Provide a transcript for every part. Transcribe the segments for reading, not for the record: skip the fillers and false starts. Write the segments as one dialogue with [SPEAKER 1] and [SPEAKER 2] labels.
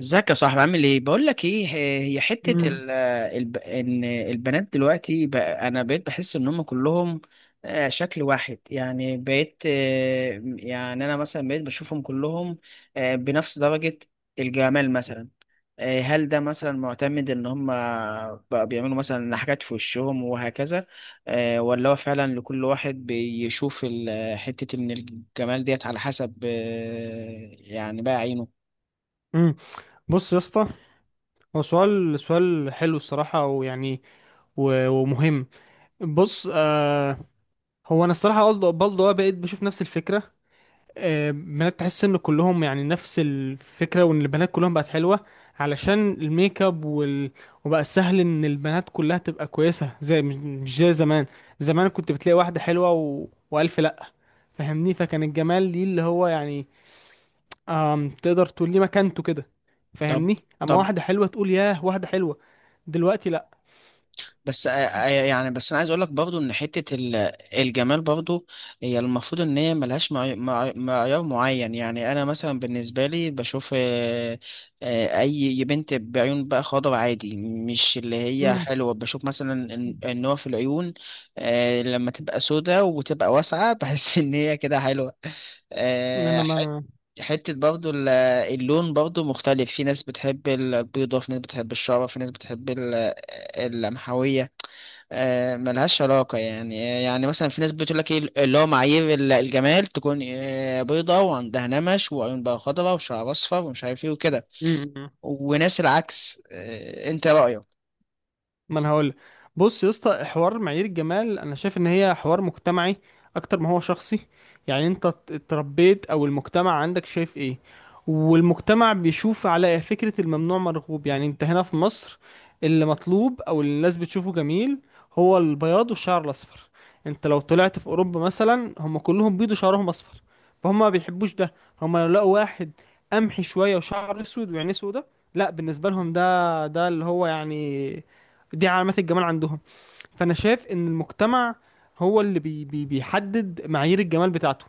[SPEAKER 1] ازيك يا صاحبي، عامل ايه؟ بقول لك ايه، هي حته
[SPEAKER 2] مم.
[SPEAKER 1] ال الب... ان البنات دلوقتي بقى، انا بقيت بحس ان هم كلهم شكل واحد. يعني بقيت، يعني انا مثلا بقيت بشوفهم كلهم بنفس درجه الجمال مثلا. هل ده مثلا معتمد ان هم بقى بيعملوا مثلا حاجات في وشهم وهكذا، ولا هو فعلا لكل واحد بيشوف حته ان الجمال ديت على حسب، يعني بقى عينه.
[SPEAKER 2] مم. بص يا اسطى، هو سؤال حلو الصراحة ويعني، ومهم. بص، آه، هو انا الصراحه برضه بقيت بشوف نفس الفكره. آه، بنات تحس ان كلهم يعني نفس الفكره، وان البنات كلهم بقت حلوه علشان الميك اب وبقى سهل ان البنات كلها تبقى كويسه، زي مش زي زمان. زمان كنت بتلاقي واحده حلوه والف لا، فاهمني؟ فكان الجمال ليه اللي هو يعني، تقدر تقول لي مكانته كده.
[SPEAKER 1] طب
[SPEAKER 2] فاهمني؟ اما
[SPEAKER 1] طب
[SPEAKER 2] واحده حلوه تقول ياه واحده حلوه، دلوقتي لا.
[SPEAKER 1] بس يعني بس انا عايز اقول لك برضو ان حته الجمال برضو، هي المفروض ان هي ملهاش معيار معين. يعني انا مثلا بالنسبه لي بشوف اي بنت بعيون بقى خضر عادي، مش اللي هي
[SPEAKER 2] مم.
[SPEAKER 1] حلوه. بشوف مثلا النوع في العيون، لما تبقى سودة وتبقى واسعه بحس ان هي كده حلوه.
[SPEAKER 2] أنا
[SPEAKER 1] آه،
[SPEAKER 2] لما
[SPEAKER 1] حت-
[SPEAKER 2] انا
[SPEAKER 1] حتة برضو اللون برضو مختلف، في ناس بتحب البيضة، في ناس بتحب الشعرة، في ناس بتحب اللمحوية. ملهاش علاقة يعني مثلا في ناس بتقول لك ايه، اللي هو معايير الجمال تكون بيضة وعندها نمش وعيون بقى خضراء وشعر اصفر ومش عارف ايه وكده،
[SPEAKER 2] مم.
[SPEAKER 1] وناس العكس. انت رأيك؟
[SPEAKER 2] ما انا هقول، بص يا اسطى، حوار معايير الجمال انا شايف ان هي حوار مجتمعي اكتر ما هو شخصي. يعني انت اتربيت، او المجتمع عندك شايف ايه. والمجتمع بيشوف على فكرة الممنوع مرغوب. يعني انت هنا في مصر، اللي مطلوب او اللي الناس بتشوفه جميل هو البياض والشعر الاصفر. انت لو طلعت في اوروبا مثلا، هم كلهم بيض وشعرهم اصفر، فهم ما بيحبوش ده. هم لو لقوا واحد قمحي شوية وشعره اسود وعينيه سودة، لا بالنسبة لهم ده اللي هو يعني، دي علامات الجمال عندهم. فانا شايف ان المجتمع هو اللي بي بي بيحدد معايير الجمال بتاعته.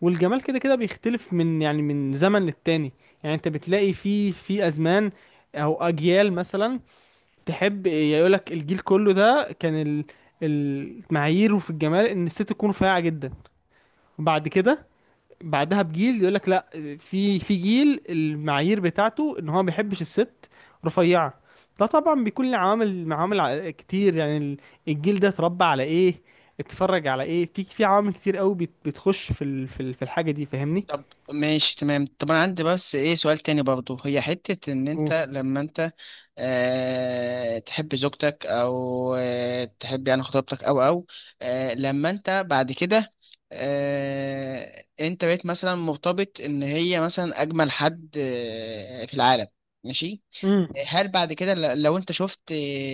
[SPEAKER 2] والجمال كده كده بيختلف من يعني من زمن للتاني. يعني انت بتلاقي في ازمان او اجيال مثلا، تحب يقولك الجيل كله ده كان معاييره في الجمال ان الست تكون رفيعة جدا. وبعد كده، بعدها بجيل يقول لك لا، في جيل المعايير بتاعته ان هو ما بيحبش الست رفيعه. ده طبعا بيكون له عوامل كتير. يعني الجيل ده اتربى على ايه، اتفرج على ايه، في عوامل كتير قوي بتخش في الحاجه دي. فاهمني؟
[SPEAKER 1] طب، ماشي تمام. طب انا عندي بس ايه، سؤال تاني برضو. هي حتة ان انت
[SPEAKER 2] مم.
[SPEAKER 1] لما انت تحب زوجتك، او تحب يعني خطيبتك، او لما انت بعد كده انت بقيت مثلا مرتبط ان هي مثلا اجمل حد في العالم، ماشي.
[SPEAKER 2] امم،
[SPEAKER 1] هل بعد كده لو انت شفت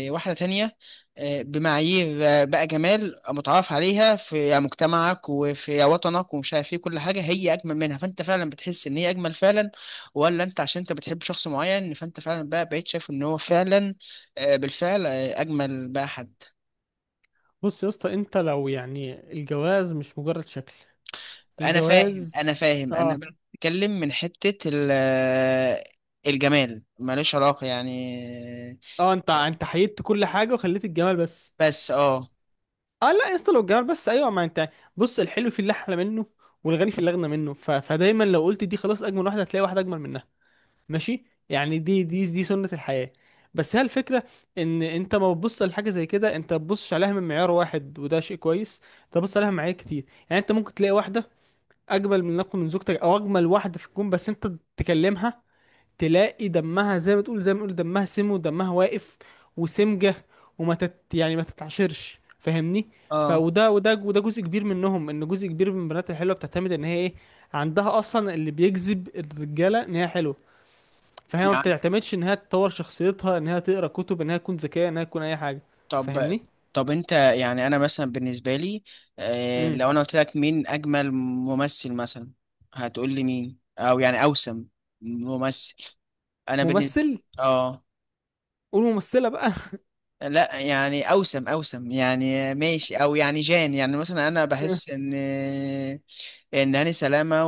[SPEAKER 1] واحدة تانية بمعايير بقى جمال متعارف عليها في مجتمعك وفي وطنك ومش عارف ايه، كل حاجة هي أجمل منها، فأنت فعلا بتحس إن هي أجمل فعلا؟ ولا أنت عشان أنت بتحب شخص معين فأنت فعلا بقى بقيت شايف إن هو فعلا بالفعل أجمل بقى حد؟
[SPEAKER 2] بص يا اسطى، انت لو يعني الجواز مش مجرد شكل،
[SPEAKER 1] أنا فاهم
[SPEAKER 2] الجواز،
[SPEAKER 1] أنا فاهم أنا
[SPEAKER 2] اه
[SPEAKER 1] بقى بتكلم من حتة الجمال ملوش علاقة يعني.
[SPEAKER 2] اه انت،
[SPEAKER 1] آه،
[SPEAKER 2] حيدت كل حاجه وخليت الجمال بس.
[SPEAKER 1] بس اه.
[SPEAKER 2] اه لا يا اسطى، لو الجمال بس ايوه ما انت، بص، الحلو في اللي احلى منه والغني في اللي اغنى منه، فدايما لو قلت دي خلاص اجمل واحده، هتلاقي واحده اجمل منها. ماشي؟ يعني دي سنه الحياه. بس هي الفكره، ان انت ما بتبص لحاجه زي كده، انت ما بتبصش عليها من معيار واحد، وده شيء كويس، انت بتبص عليها من معايير كتير. يعني انت ممكن تلاقي واحده اجمل من نقل من زوجتك، او اجمل واحده في الكون، بس انت تكلمها تلاقي دمها زي ما تقول، زي ما نقول دمها سم ودمها واقف وسمجة، وما تت يعني ما تتعشرش. فاهمني؟
[SPEAKER 1] اه
[SPEAKER 2] وده جزء كبير منهم، ان جزء كبير من البنات الحلوه بتعتمد ان هي ايه، عندها اصلا اللي بيجذب الرجاله ان هي حلوه. فهي ما بتعتمدش ان هي تطور شخصيتها، ان هي تقرا كتب، ان هي تكون ذكيه، ان هي تكون اي حاجه.
[SPEAKER 1] طب
[SPEAKER 2] فاهمني؟
[SPEAKER 1] طب انت، يعني انا مثلا بالنسبه لي
[SPEAKER 2] امم،
[SPEAKER 1] لو انا قلت لك مين اجمل ممثل مثلا، هتقول لي مين، او يعني اوسم ممثل؟ انا بالنسبه،
[SPEAKER 2] ممثل،
[SPEAKER 1] اه
[SPEAKER 2] قول ممثله بقى.
[SPEAKER 1] لا، يعني اوسم، يعني ماشي، او يعني جان. يعني مثلا انا بحس ان هاني سلامه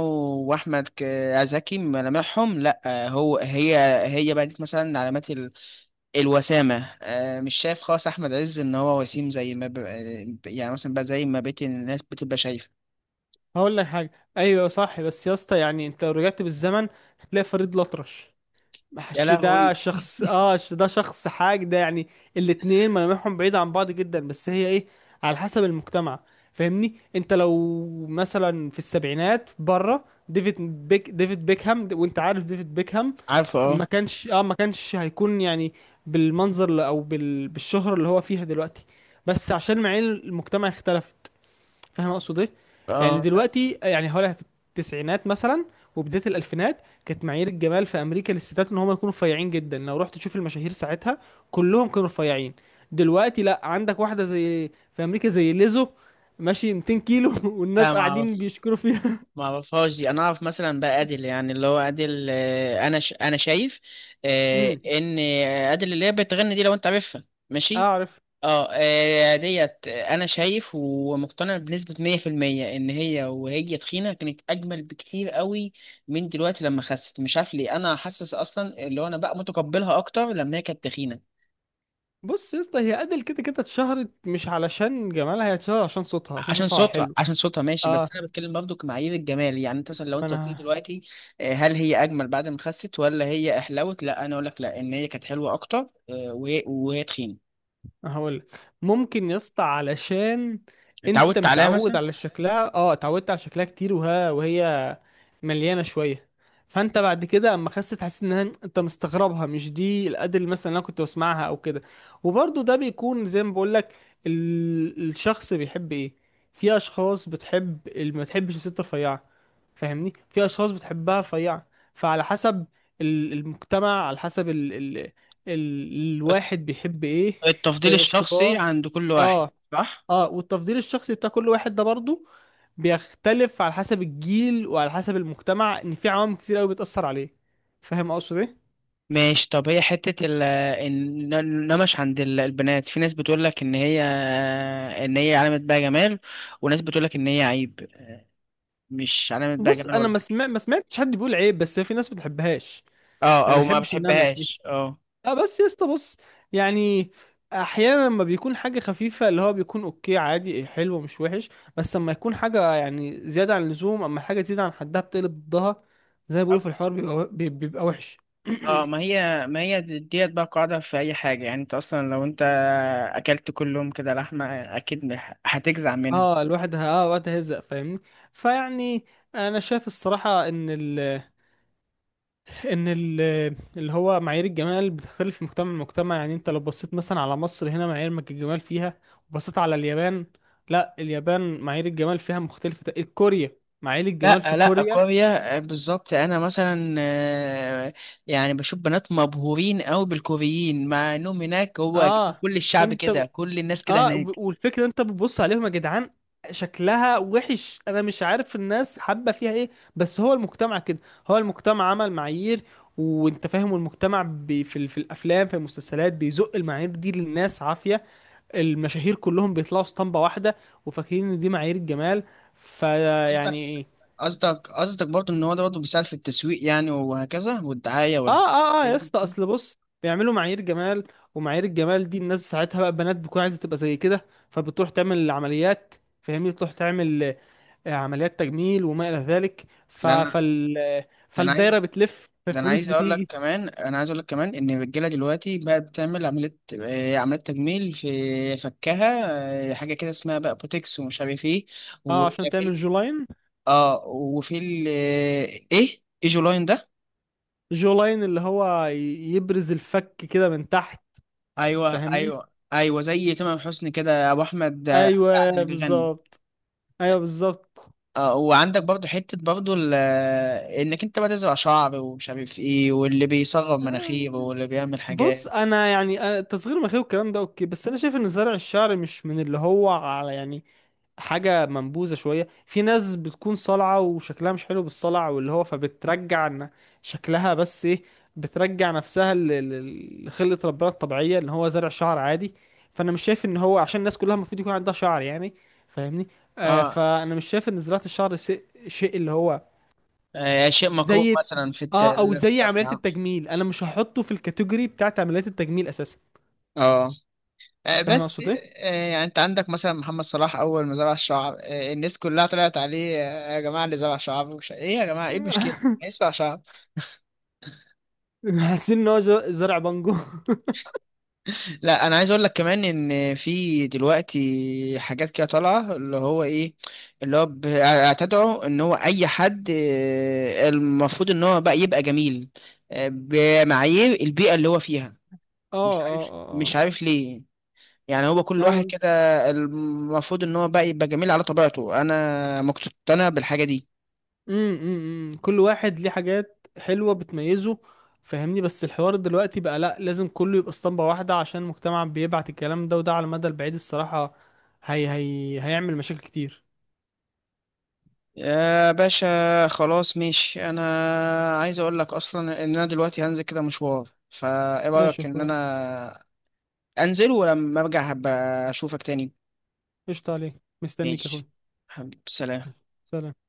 [SPEAKER 1] واحمد زكي ملامحهم، لا هو هي بقت مثلا علامات الوسامة. مش شايف خالص أحمد عز إن هو وسيم، زي ما ب... آه، يعني مثلا بقى زي ما بقية الناس بتبقى شايفة.
[SPEAKER 2] هقول لك حاجه، ايوه صح، بس يا اسطى يعني انت لو رجعت بالزمن هتلاقي فريد الأطرش،
[SPEAKER 1] يا
[SPEAKER 2] مش
[SPEAKER 1] لهوي.
[SPEAKER 2] ده شخص، ده شخص حاج، ده يعني الاتنين ملامحهم بعيدة عن بعض جدا، بس هي ايه، على حسب المجتمع. فاهمني؟ انت لو مثلا في السبعينات بره، ديفيد بيكهام، وانت عارف ديفيد بيكهام،
[SPEAKER 1] عارفه، اه.
[SPEAKER 2] ما كانش، ما كانش هيكون يعني بالمنظر بالشهرة اللي هو فيها دلوقتي، بس عشان معايير المجتمع اختلفت. فاهم اقصد ايه؟ يعني
[SPEAKER 1] اه،
[SPEAKER 2] دلوقتي، يعني هقولها في التسعينات مثلا وبدايه الالفينات، كانت معايير الجمال في امريكا للستات ان هم يكونوا رفيعين جدا. لو رحت تشوف المشاهير ساعتها، كلهم كانوا رفيعين. دلوقتي لا، عندك واحده زي في امريكا زي ليزو، ماشي 200 كيلو
[SPEAKER 1] لا
[SPEAKER 2] والناس
[SPEAKER 1] ما
[SPEAKER 2] قاعدين
[SPEAKER 1] أعرف،
[SPEAKER 2] بيشكروا فيها.
[SPEAKER 1] ما أعرفهاش دي. أنا أعرف مثلا بقى أديل، يعني اللي هو أديل، أنا شايف
[SPEAKER 2] امم،
[SPEAKER 1] إن أديل اللي هي بتغني دي، لو أنت عارفها، ماشي.
[SPEAKER 2] اعرف.
[SPEAKER 1] اه ديت انا شايف ومقتنع بنسبة 100% ان هي وهي تخينة كانت اجمل بكتير قوي من دلوقتي لما خست. مش عارف ليه، انا حاسس اصلا اللي هو انا بقى متقبلها اكتر لما هي كانت تخينة.
[SPEAKER 2] بص يا اسطى، هي ادل كده كده اتشهرت مش علشان جمالها، هي اتشهرت عشان صوتها، عشان
[SPEAKER 1] عشان
[SPEAKER 2] صوتها
[SPEAKER 1] صوتها
[SPEAKER 2] حلو.
[SPEAKER 1] عشان صوتها ماشي،
[SPEAKER 2] اه،
[SPEAKER 1] بس انا بتكلم برضه كمعايير الجمال. يعني انت مثلا لو
[SPEAKER 2] ما
[SPEAKER 1] انت قلت لي
[SPEAKER 2] انا
[SPEAKER 1] دلوقتي هل هي اجمل بعد ما خست، ولا هي احلوت؟ لا، انا اقول لك لا، ان هي كانت حلوة اكتر وهي تخينة.
[SPEAKER 2] هقول، ممكن يا اسطى علشان انت
[SPEAKER 1] اتعودت عليها
[SPEAKER 2] متعود
[SPEAKER 1] مثلا.
[SPEAKER 2] على شكلها، اه، اتعودت على شكلها كتير، وهي مليانه شويه، فانت بعد كده اما خست حسيت انها، انت مستغربها، مش دي الادل مثلا اللي انا كنت بسمعها او كده. وبرضه ده بيكون زي ما بقول لك، الشخص بيحب ايه. في اشخاص بتحب اللي ما تحبش الست رفيعه، فاهمني؟ في اشخاص بتحبها رفيعه. فعلى حسب المجتمع، على حسب الواحد بيحب ايه.
[SPEAKER 1] التفضيل
[SPEAKER 2] آه،
[SPEAKER 1] الشخصي
[SPEAKER 2] الطباع.
[SPEAKER 1] عند كل واحد،
[SPEAKER 2] اه،
[SPEAKER 1] صح.
[SPEAKER 2] اه، والتفضيل الشخصي بتاع كل واحد ده برضه بيختلف على حسب الجيل وعلى حسب المجتمع، ان في عوامل كتير قوي بتأثر عليه. فاهم اقصد ايه؟
[SPEAKER 1] ماشي. طب هي حتة النمش عند البنات، في ناس بتقول لك إن هي، إن هي علامة بقى جمال، وناس بتقول لك إن هي عيب، مش علامة بقى
[SPEAKER 2] بص،
[SPEAKER 1] جمال
[SPEAKER 2] انا
[SPEAKER 1] ولا حاجة.
[SPEAKER 2] ما سمعتش حد بيقول عيب، بس في ناس ما بتحبهاش.
[SPEAKER 1] اه،
[SPEAKER 2] انا ما
[SPEAKER 1] او ما
[SPEAKER 2] بحبش النمش دي.
[SPEAKER 1] بتحبهاش، اه.
[SPEAKER 2] اه، بس يا اسطى بص، يعني احيانا لما بيكون حاجه خفيفه، اللي هو بيكون اوكي عادي، إيه حلو مش وحش، بس لما يكون حاجه يعني زياده عن اللزوم، اما حاجه تزيد عن حدها بتقلب ضدها، زي ما بيقولوا في الحوار، بيبقى وحش.
[SPEAKER 1] اه، ما هي ديت بقى قاعدة في أي حاجة. يعني أنت أصلا لو أنت أكلت كل يوم كده لحمة، أكيد هتجزع منها.
[SPEAKER 2] اه، الواحد وقتها هيزق، فاهمني؟ فيعني انا شايف الصراحه ان ان ال- اللي هو معايير الجمال بتختلف من مجتمع لمجتمع. يعني انت لو بصيت مثلا على مصر، هنا معايير الجمال فيها، وبصيت على اليابان، لا اليابان معايير الجمال فيها مختلفة، كوريا معايير الجمال في
[SPEAKER 1] لا، لا،
[SPEAKER 2] كوريا.
[SPEAKER 1] كوريا بالظبط. انا مثلا يعني بشوف بنات مبهورين قوي بالكوريين، مع انهم هناك هو
[SPEAKER 2] اه،
[SPEAKER 1] كل الشعب
[SPEAKER 2] انت،
[SPEAKER 1] كده، كل الناس كده هناك.
[SPEAKER 2] والفكرة انت بتبص عليهم يا جدعان شكلها وحش، انا مش عارف الناس حابة فيها ايه. بس هو المجتمع كده، هو المجتمع عمل معايير، وانت فاهم المجتمع في الافلام في المسلسلات بيزق المعايير دي للناس عافية. المشاهير كلهم بيطلعوا اسطمبة واحدة وفاكرين ان دي معايير الجمال.
[SPEAKER 1] قصدك
[SPEAKER 2] فيعني ايه،
[SPEAKER 1] قصدك برضه ان هو ده برضه بيساعد في التسويق يعني وهكذا والدعايه،
[SPEAKER 2] اه
[SPEAKER 1] ولا
[SPEAKER 2] اه اه
[SPEAKER 1] الحاجات
[SPEAKER 2] يا
[SPEAKER 1] دي.
[SPEAKER 2] اسطى، اصل بص بيعملوا معايير جمال، ومعايير الجمال دي الناس ساعتها بقى بنات بتكون عايزة تبقى زي كده، فبتروح تعمل عمليات. فاهمني؟ تروح تعمل آه، عمليات تجميل وما إلى ذلك.
[SPEAKER 1] ده انا
[SPEAKER 2] آه،
[SPEAKER 1] ده انا
[SPEAKER 2] فالدايرة
[SPEAKER 1] عايز
[SPEAKER 2] بتلف،
[SPEAKER 1] ده انا
[SPEAKER 2] فالفلوس
[SPEAKER 1] عايز اقول لك
[SPEAKER 2] بتيجي.
[SPEAKER 1] كمان انا عايز اقول لك كمان ان الرجاله دلوقتي بقت بتعمل عمليه، عمليه تجميل في فكها. حاجه كده اسمها بقى بوتكس ومش عارف ايه
[SPEAKER 2] اه عشان تعمل
[SPEAKER 1] وشاكيل.
[SPEAKER 2] جولاين.
[SPEAKER 1] اه، وفي ال، ايه ايه جولاين ده؟
[SPEAKER 2] جولاين اللي هو يبرز الفك كده من تحت.
[SPEAKER 1] ايوه،
[SPEAKER 2] فاهمني؟
[SPEAKER 1] ايوه، ايوه، زي تمام حسني كده، ابو احمد سعد
[SPEAKER 2] ايوه
[SPEAKER 1] اللي بيغني.
[SPEAKER 2] بالظبط. ايوه بالظبط.
[SPEAKER 1] اه، وعندك برضو حته برضو انك انت بقى تزرع شعر ومش عارف ايه، واللي بيصغر مناخيره، واللي بيعمل
[SPEAKER 2] بص
[SPEAKER 1] حاجات.
[SPEAKER 2] انا يعني، أنا تصغير المناخير والكلام ده اوكي، بس انا شايف ان زرع الشعر مش من اللي هو على يعني حاجه منبوذه شويه. في ناس بتكون صلعه وشكلها مش حلو بالصلع، واللي هو فبترجع إن شكلها بس ايه، بترجع نفسها لخلقه ربنا الطبيعيه، اللي هو زرع شعر عادي. فانا مش شايف ان هو عشان الناس كلها المفروض يكون عندها شعر يعني. فاهمني؟ آه،
[SPEAKER 1] اه
[SPEAKER 2] فانا مش شايف ان زراعه الشعر شيء اللي هو
[SPEAKER 1] شيء مكروه
[SPEAKER 2] زي،
[SPEAKER 1] مثلا في
[SPEAKER 2] اه، او
[SPEAKER 1] التالف.
[SPEAKER 2] زي عمليات التجميل، انا مش هحطه في الكاتيجوري بتاعت عمليات التجميل اساسا.
[SPEAKER 1] اه آه،
[SPEAKER 2] فاهم
[SPEAKER 1] بس
[SPEAKER 2] اقصد ايه؟
[SPEAKER 1] آه، يعني انت عندك مثلا محمد صلاح، اول ما زرع الشعر الناس كلها طلعت عليه، يا جماعه اللي زرع شعر، ايه يا جماعه، ايه المشكله؟ لسه شعر.
[SPEAKER 2] حاسين ان هو زرع بانجو. اه،
[SPEAKER 1] لا، انا عايز اقول لك كمان ان في دلوقتي حاجات كده طالعه، اللي هو ايه، اللي هو اعتدعوا ان هو اي حد المفروض ان هو بقى يبقى جميل بمعايير البيئه اللي هو فيها.
[SPEAKER 2] اه،
[SPEAKER 1] مش
[SPEAKER 2] اه،
[SPEAKER 1] عارف مش
[SPEAKER 2] اه.
[SPEAKER 1] عارف ليه. يعني هو كل واحد
[SPEAKER 2] نعم.
[SPEAKER 1] كده المفروض ان هو بقى يبقى جميل على طبيعته، انا مقتنع بالحاجه دي.
[SPEAKER 2] أمم، أمم، أمم. كل واحد ليه حاجات حلوة بتميزه. فاهمني؟ بس الحوار دلوقتي بقى لا، لازم كله يبقى اسطمبة واحدة عشان المجتمع بيبعت الكلام ده، وده على المدى البعيد الصراحة هي هيعمل مشاكل كتير.
[SPEAKER 1] يا باشا، خلاص ماشي. انا عايز اقول لك اصلا ان انا دلوقتي هنزل كده مشوار، فايه
[SPEAKER 2] ماشي
[SPEAKER 1] رايك
[SPEAKER 2] يا
[SPEAKER 1] ان
[SPEAKER 2] اخويا،
[SPEAKER 1] انا انزل، ولما ارجع هبقى اشوفك تاني؟
[SPEAKER 2] قشطة عليك، مستنيك يا اخويا.
[SPEAKER 1] ماشي، حبيبي، سلام.
[SPEAKER 2] سلام.